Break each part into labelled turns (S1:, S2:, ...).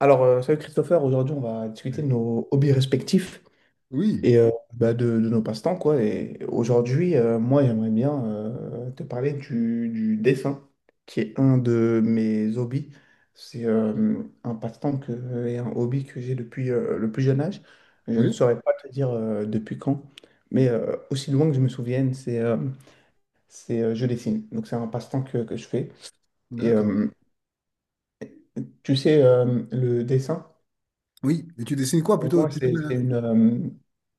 S1: Salut Christopher, aujourd'hui on va discuter de nos hobbies respectifs
S2: Oui,
S1: et de nos passe-temps, quoi. Et aujourd'hui, moi j'aimerais bien te parler du dessin, qui est un de mes hobbies. C'est un passe-temps que, et un hobby que j'ai depuis le plus jeune âge. Je ne
S2: oui,
S1: saurais pas te dire depuis quand, mais aussi loin que je me souvienne, je dessine. Donc c'est un passe-temps que je fais. Et
S2: d'accord.
S1: euh, Tu sais, le dessin.
S2: Oui, et tu dessines quoi
S1: Pour
S2: plutôt,
S1: moi, c'est c'est une, euh,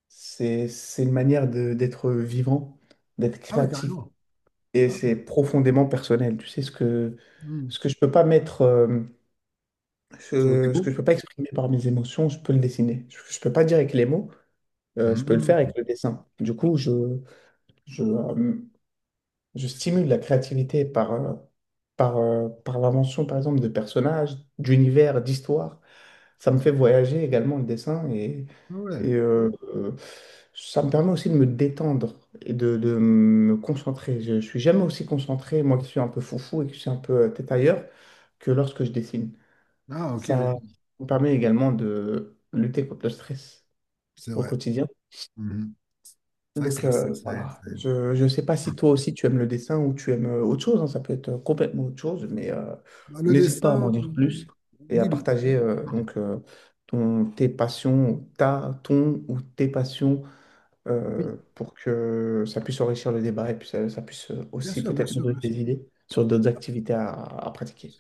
S1: c'est c'est une manière d'être vivant, d'être
S2: Ah oui,
S1: créatif.
S2: carrément.
S1: Et
S2: Ah oui.
S1: c'est profondément personnel. Tu sais,
S2: Hmm.
S1: ce que je peux pas mettre,
S2: Sur des
S1: ce que
S2: mots?
S1: je peux pas exprimer par mes émotions, je peux le dessiner. Je peux pas dire avec les mots, je peux le faire
S2: Hmm.
S1: avec le dessin. Du coup, je, euh, je stimule la créativité par l'invention, par exemple, de personnages, d'univers, d'histoires. Ça me fait voyager également le dessin et,
S2: Ah ouais.
S1: et, euh, euh, ça me permet aussi de me détendre et de me concentrer. Je ne suis jamais aussi concentré, moi qui suis un peu foufou et qui suis un peu tête ailleurs, que lorsque je dessine.
S2: Ah ok,
S1: Ça
S2: ok.
S1: me permet également de lutter contre le stress
S2: C'est
S1: au
S2: vrai.
S1: quotidien,
S2: Mhm. C'est vrai que ça,
S1: donc
S2: ça- Aide,
S1: voilà,
S2: ça aide.
S1: je ne sais pas si toi aussi tu aimes le dessin ou tu aimes autre chose, hein, ça peut être complètement autre chose, mais
S2: Bah, le
S1: n'hésite pas à m'en
S2: dessin,
S1: dire plus et à
S2: oui, le-
S1: partager ton ou tes passions
S2: oui,
S1: pour que ça puisse enrichir le débat et puis ça puisse
S2: bien
S1: aussi
S2: sûr, bien
S1: peut-être nous
S2: sûr,
S1: donner
S2: bien sûr.
S1: des idées sur d'autres activités à pratiquer.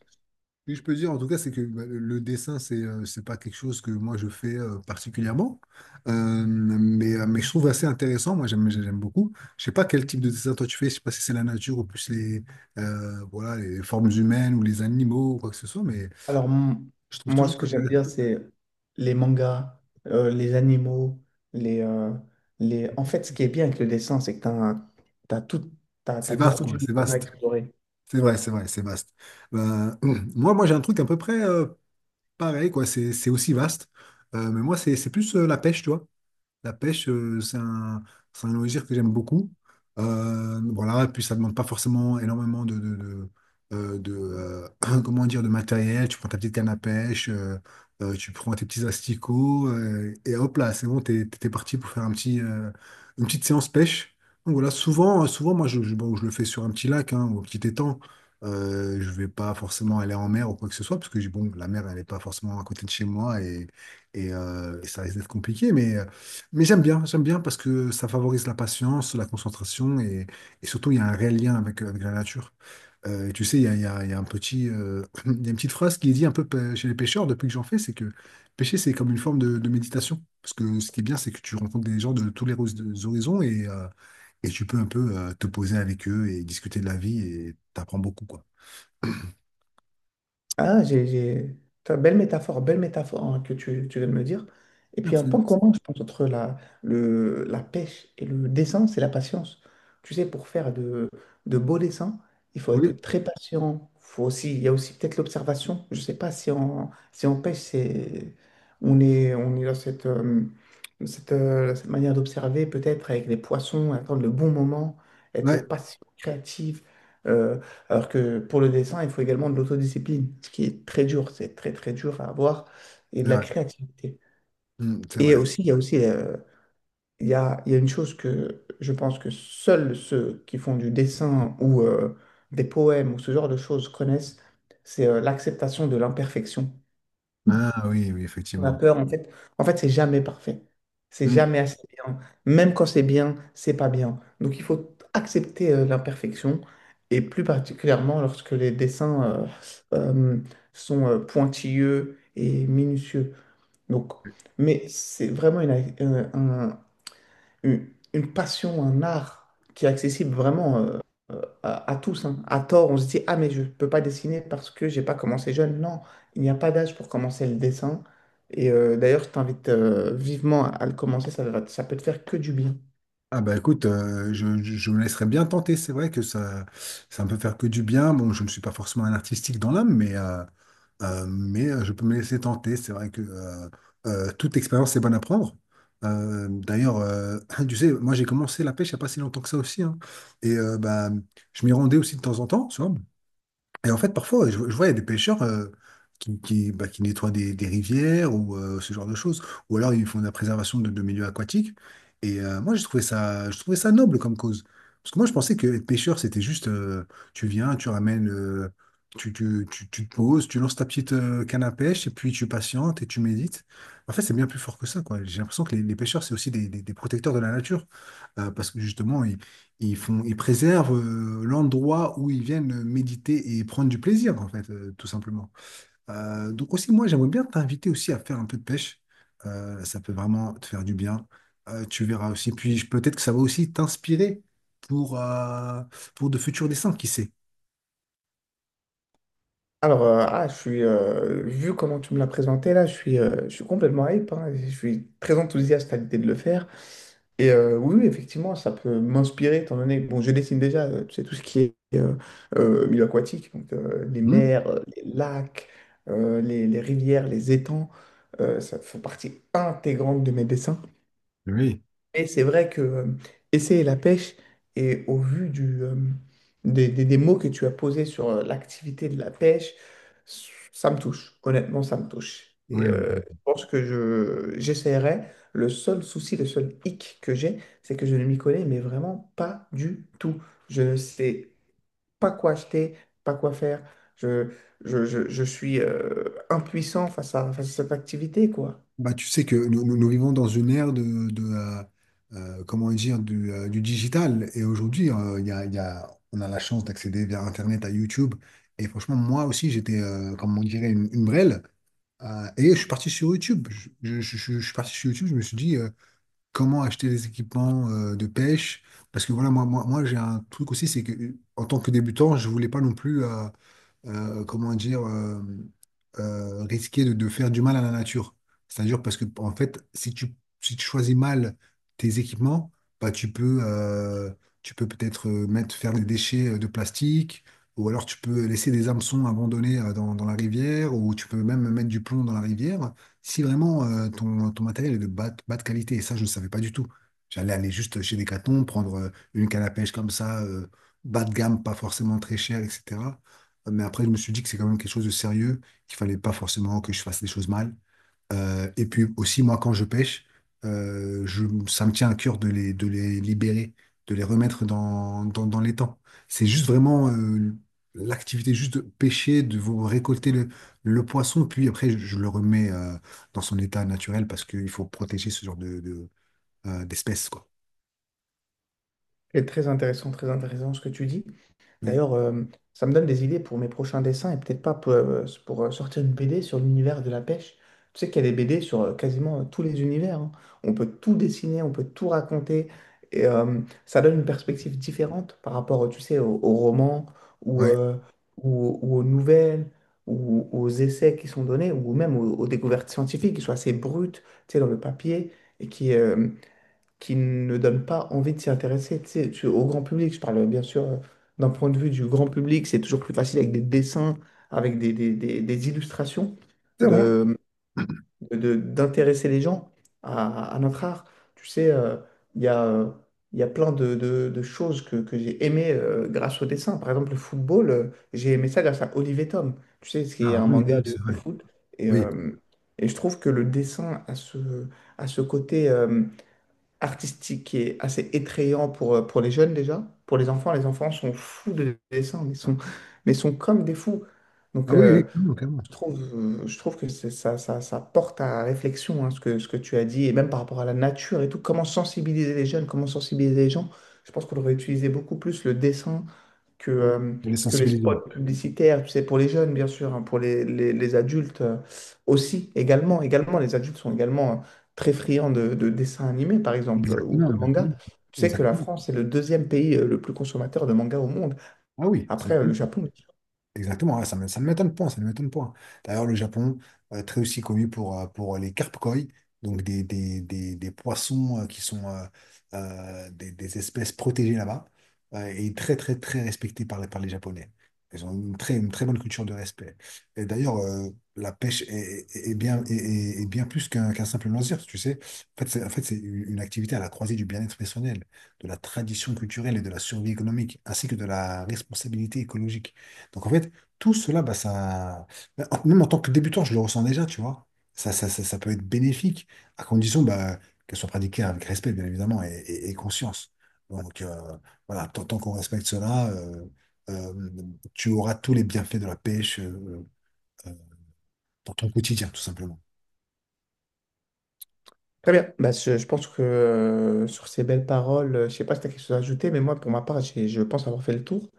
S2: Oui, je peux dire, en tout cas, c'est que bah, le dessin, c'est pas quelque chose que moi je fais particulièrement. Mais je trouve assez intéressant. Moi, j'aime beaucoup. Je sais pas quel type de dessin toi tu fais. Je sais pas si c'est la nature ou plus les voilà les formes humaines ou les animaux ou quoi que ce soit. Mais
S1: Alors, m-
S2: je trouve
S1: Moi,
S2: toujours
S1: ce
S2: ça
S1: que j'aime
S2: intéressant.
S1: bien, c'est les mangas, les animaux, les, euh, les... En fait, ce qui est bien avec le dessin, c'est que tu as, t'as t'as tout,
S2: C'est
S1: t'as
S2: vaste
S1: beaucoup
S2: quoi.
S1: d'univers
S2: C'est
S1: à
S2: vaste.
S1: explorer.
S2: C'est vrai, c'est vrai, c'est vaste. Euh, j'ai un truc à peu près pareil quoi. C'est aussi vaste. Mais moi, c'est plus la pêche, tu vois. La pêche, c'est un loisir que j'aime beaucoup. Voilà, et puis ça demande pas forcément énormément de comment dire, de matériel. Tu prends ta petite canne à pêche, tu prends tes petits asticots, et hop là, c'est bon, t'es parti pour faire un une petite séance pêche. Donc voilà, souvent moi, bon, je le fais sur un petit lac hein, ou un petit étang. Je vais pas forcément aller en mer ou quoi que ce soit, parce que bon, la mer, elle n'est pas forcément à côté de chez moi et et ça risque d'être compliqué, mais j'aime bien parce que ça favorise la patience, la concentration et surtout il y a un réel lien avec la nature. Et tu sais, il y a un il y a une petite phrase qui est dit chez les pêcheurs depuis que j'en fais, c'est que pêcher c'est comme une forme de méditation. Parce que ce qui est bien, c'est que tu rencontres des gens de tous les des horizons et tu peux un peu te poser avec eux et discuter de la vie et t'apprends beaucoup quoi.
S1: Ah, j'ai, j'ai... Putain, belle métaphore, belle métaphore hein, que tu viens de me dire. Et puis un point
S2: Absolument.
S1: commun, je pense, entre la pêche et le dessin, c'est la patience. Tu sais, pour faire de beaux dessins, il faut être
S2: Oui,
S1: très patient. Faut aussi, il y a aussi peut-être l'observation. Je ne sais pas si on pêche, c'est, on est dans cette manière d'observer, peut-être avec les poissons, attendre le bon moment, être
S2: ouais,
S1: patient, créatif. euh, alors que pour le dessin, il faut également de l'autodiscipline, ce qui est très dur, c'est très très dur à avoir, et
S2: c'est
S1: de la
S2: vrai.
S1: créativité.
S2: C'est
S1: Et
S2: vrai.
S1: aussi, il y a une chose que je pense que seuls ceux qui font du dessin ou des poèmes ou ce genre de choses connaissent, c'est l'acceptation de l'imperfection.
S2: Ah oui, oui,
S1: On a
S2: effectivement.
S1: peur, en fait. En fait, c'est jamais parfait. C'est
S2: Mmh.
S1: jamais assez bien. Même quand c'est bien, c'est pas bien. Donc, il faut accepter l'imperfection. Et plus particulièrement lorsque les dessins euh, sont pointilleux et minutieux. Donc, mais c'est vraiment euh, un, une passion, un art qui est accessible vraiment à tous, hein. À tort, on se dit, ah mais je ne peux pas dessiner parce que j'ai pas commencé jeune. Non, il n'y a pas d'âge pour commencer le dessin. Et d'ailleurs, je t'invite vivement à le commencer, ça peut te faire que du bien.
S2: Ah bah écoute, je me laisserais bien tenter. C'est vrai que ça me peut faire que du bien. Bon, je ne suis pas forcément un artistique dans l'âme, mais je peux me laisser tenter. C'est vrai que toute expérience est bonne à prendre. D'ailleurs, tu sais, moi j'ai commencé la pêche il n'y a pas si longtemps que ça aussi, hein. Bah, je m'y rendais aussi de temps en temps, tu vois. Et en fait, parfois, ouais, je vois, il y a des pêcheurs qui nettoient des rivières ou ce genre de choses. Ou alors, ils font de la préservation de milieux aquatiques. Moi, je trouvais ça noble comme cause. Parce que moi, je pensais que être pêcheur, c'était tu viens, tu te poses, tu lances ta petite canne à pêche, et puis tu patientes et tu médites. En fait, c'est bien plus fort que ça, quoi. J'ai l'impression que les pêcheurs, c'est aussi des protecteurs de la nature. Parce que justement, ils préservent l'endroit où ils viennent méditer et prendre du plaisir, en fait, tout simplement. Donc aussi, moi, j'aimerais bien t'inviter aussi à faire un peu de pêche. Ça peut vraiment te faire du bien. Tu verras aussi. Peut-être que ça va aussi t'inspirer pour, euh, pour de futurs dessins, qui sait.
S1: Vu comment tu me l'as présenté là, je suis complètement hype, hein. Je suis très enthousiaste à l'idée de le faire. Et oui, oui, effectivement, ça peut m'inspirer, étant donné bon, je dessine déjà, tu sais, tout ce qui est milieu aquatique, donc les
S2: Hmm.
S1: mers, les lacs, les rivières, les étangs, ça fait partie intégrante de mes dessins.
S2: Oui,
S1: Mais c'est vrai que essayer la pêche, et au vu des mots que tu as posés sur l'activité de la pêche, ça me touche. Honnêtement, ça me touche.
S2: oui,
S1: Et
S2: oui.
S1: je pense que j'essaierai. Le seul souci, le seul hic que j'ai, c'est que je ne m'y connais, mais vraiment pas du tout. Je ne sais pas quoi acheter, pas quoi faire. Je, je suis impuissant face face à cette activité, quoi.
S2: Bah, tu sais que nous vivons dans une ère comment dire, du digital. Et aujourd'hui, il y a- on a la chance d'accéder via Internet à YouTube. Et franchement, moi aussi, j'étais comme on dirait, une brêle. Et je suis parti sur YouTube. Je suis parti sur YouTube, je me suis dit comment acheter des équipements de pêche. Parce que voilà, moi j'ai un truc aussi, c'est que en tant que débutant, je voulais pas non plus. Comment dire, risquer de faire du mal à la nature. C'est-à-dire parce que, en fait, si tu choisis mal tes équipements, bah, tu peux peut-être faire des déchets de plastique, ou alors tu peux laisser des hameçons abandonnés dans la rivière, ou tu peux même mettre du plomb dans la rivière, si vraiment euh, ton matériel est de bas de qualité. Et ça, je ne savais pas du tout. J'allais aller juste chez Decathlon, prendre une canne à pêche comme ça, bas de gamme, pas forcément très chère, etc. Mais après, je me suis dit que c'est quand même quelque chose de sérieux, qu'il fallait pas forcément que je fasse des choses mal. Et puis aussi, moi, quand je pêche, ça me tient à cœur de de les libérer, de les remettre dans l'étang. C'est juste vraiment l'activité juste de pêcher, de vous récolter le poisson, puis après, je le remets dans son état naturel parce qu'il faut protéger ce genre de d'espèces, quoi.
S1: C'est très intéressant ce que tu dis.
S2: Oui,
S1: D'ailleurs, ça me donne des idées pour mes prochains dessins et peut-être pas pour, sortir une BD sur l'univers de la pêche. Tu sais qu'il y a des BD sur quasiment tous les univers, hein. On peut tout dessiner, on peut tout raconter. Et ça donne une perspective différente par rapport, tu sais, aux romans ou,
S2: ouais.
S1: euh, ou aux nouvelles ou aux essais qui sont donnés ou même aux découvertes scientifiques qui sont assez brutes, tu sais, dans le papier et qui ne donne pas envie de s'y intéresser. Au grand public, je parle bien sûr d'un point de vue du grand public, c'est toujours plus facile avec des dessins, avec des illustrations,
S2: C'est vrai.
S1: de, d'intéresser les gens à notre art. Tu sais, il y a, euh, il y a plein de choses que j'ai aimées grâce au dessin. Par exemple, le football, j'ai aimé ça grâce à Oliver Tom, tu sais, ce qui est
S2: Ah
S1: un
S2: oui,
S1: manga
S2: oui, c'est
S1: de
S2: vrai.
S1: foot. Et,
S2: Oui.
S1: euh, et je trouve que le dessin a a ce côté... artistique qui est assez étrayant pour les jeunes déjà. Pour les enfants sont fous de dessin, mais sont comme des fous. Donc,
S2: Ah oui, oui, clairement, clairement.
S1: je trouve que ça porte à réflexion, hein, ce que tu as dit, et même par rapport à la nature et tout, comment sensibiliser les jeunes, comment sensibiliser les gens. Je pense qu'on devrait utiliser beaucoup plus le dessin que,
S2: Oui.
S1: euh,
S2: Les
S1: que les
S2: sensibiliser.
S1: spots publicitaires, tu sais, pour les jeunes, bien sûr, hein, pour les adultes aussi, également, également, les adultes sont également très friands de dessins animés, par exemple, ou
S2: Exactement,
S1: de
S2: exactement.
S1: mangas. Tu sais que la
S2: Exactement.
S1: France est le deuxième pays le plus consommateur de mangas au monde,
S2: Ah oui, ça
S1: après le
S2: m'étonne.
S1: Japon.
S2: Exactement, ouais, ça ne m'étonne point, ça ne m'étonne point. D'ailleurs, le Japon, très aussi connu pour les carpes koi, donc des poissons des espèces protégées là-bas, et très, très, très respectées par par les Japonais. Ils ont une très bonne culture de respect. Et d'ailleurs, la pêche est bien plus qu'un simple loisir, tu sais. En fait, c'est une activité à la croisée du bien-être personnel, de la tradition culturelle et de la survie économique, ainsi que de la responsabilité écologique. Donc en fait, tout cela, bah, même en tant que débutant, je le ressens déjà, tu vois. Ça peut être bénéfique, à condition bah, qu'elle soit pratiquée avec respect, bien évidemment, et conscience. Donc euh, voilà, tant qu'on respecte cela, euh, tu auras tous les bienfaits de la pêche euh, dans ton quotidien, tout simplement.
S1: Très bien. Bah, je pense que sur ces belles paroles, je sais pas si tu as quelque chose à ajouter, mais moi, pour ma part, je pense avoir fait le tour.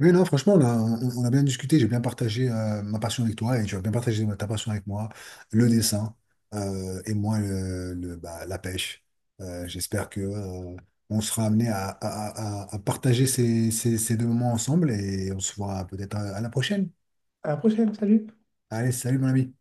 S2: Oui, non, franchement, on a bien discuté, j'ai bien partagé ma passion avec toi et tu as bien partagé ta passion avec moi, le dessin et moi bah, la pêche. J'espère que on sera amené à partager ces deux moments ensemble et on se voit peut-être à la prochaine.
S1: À la prochaine, salut!
S2: Allez, salut mon ami.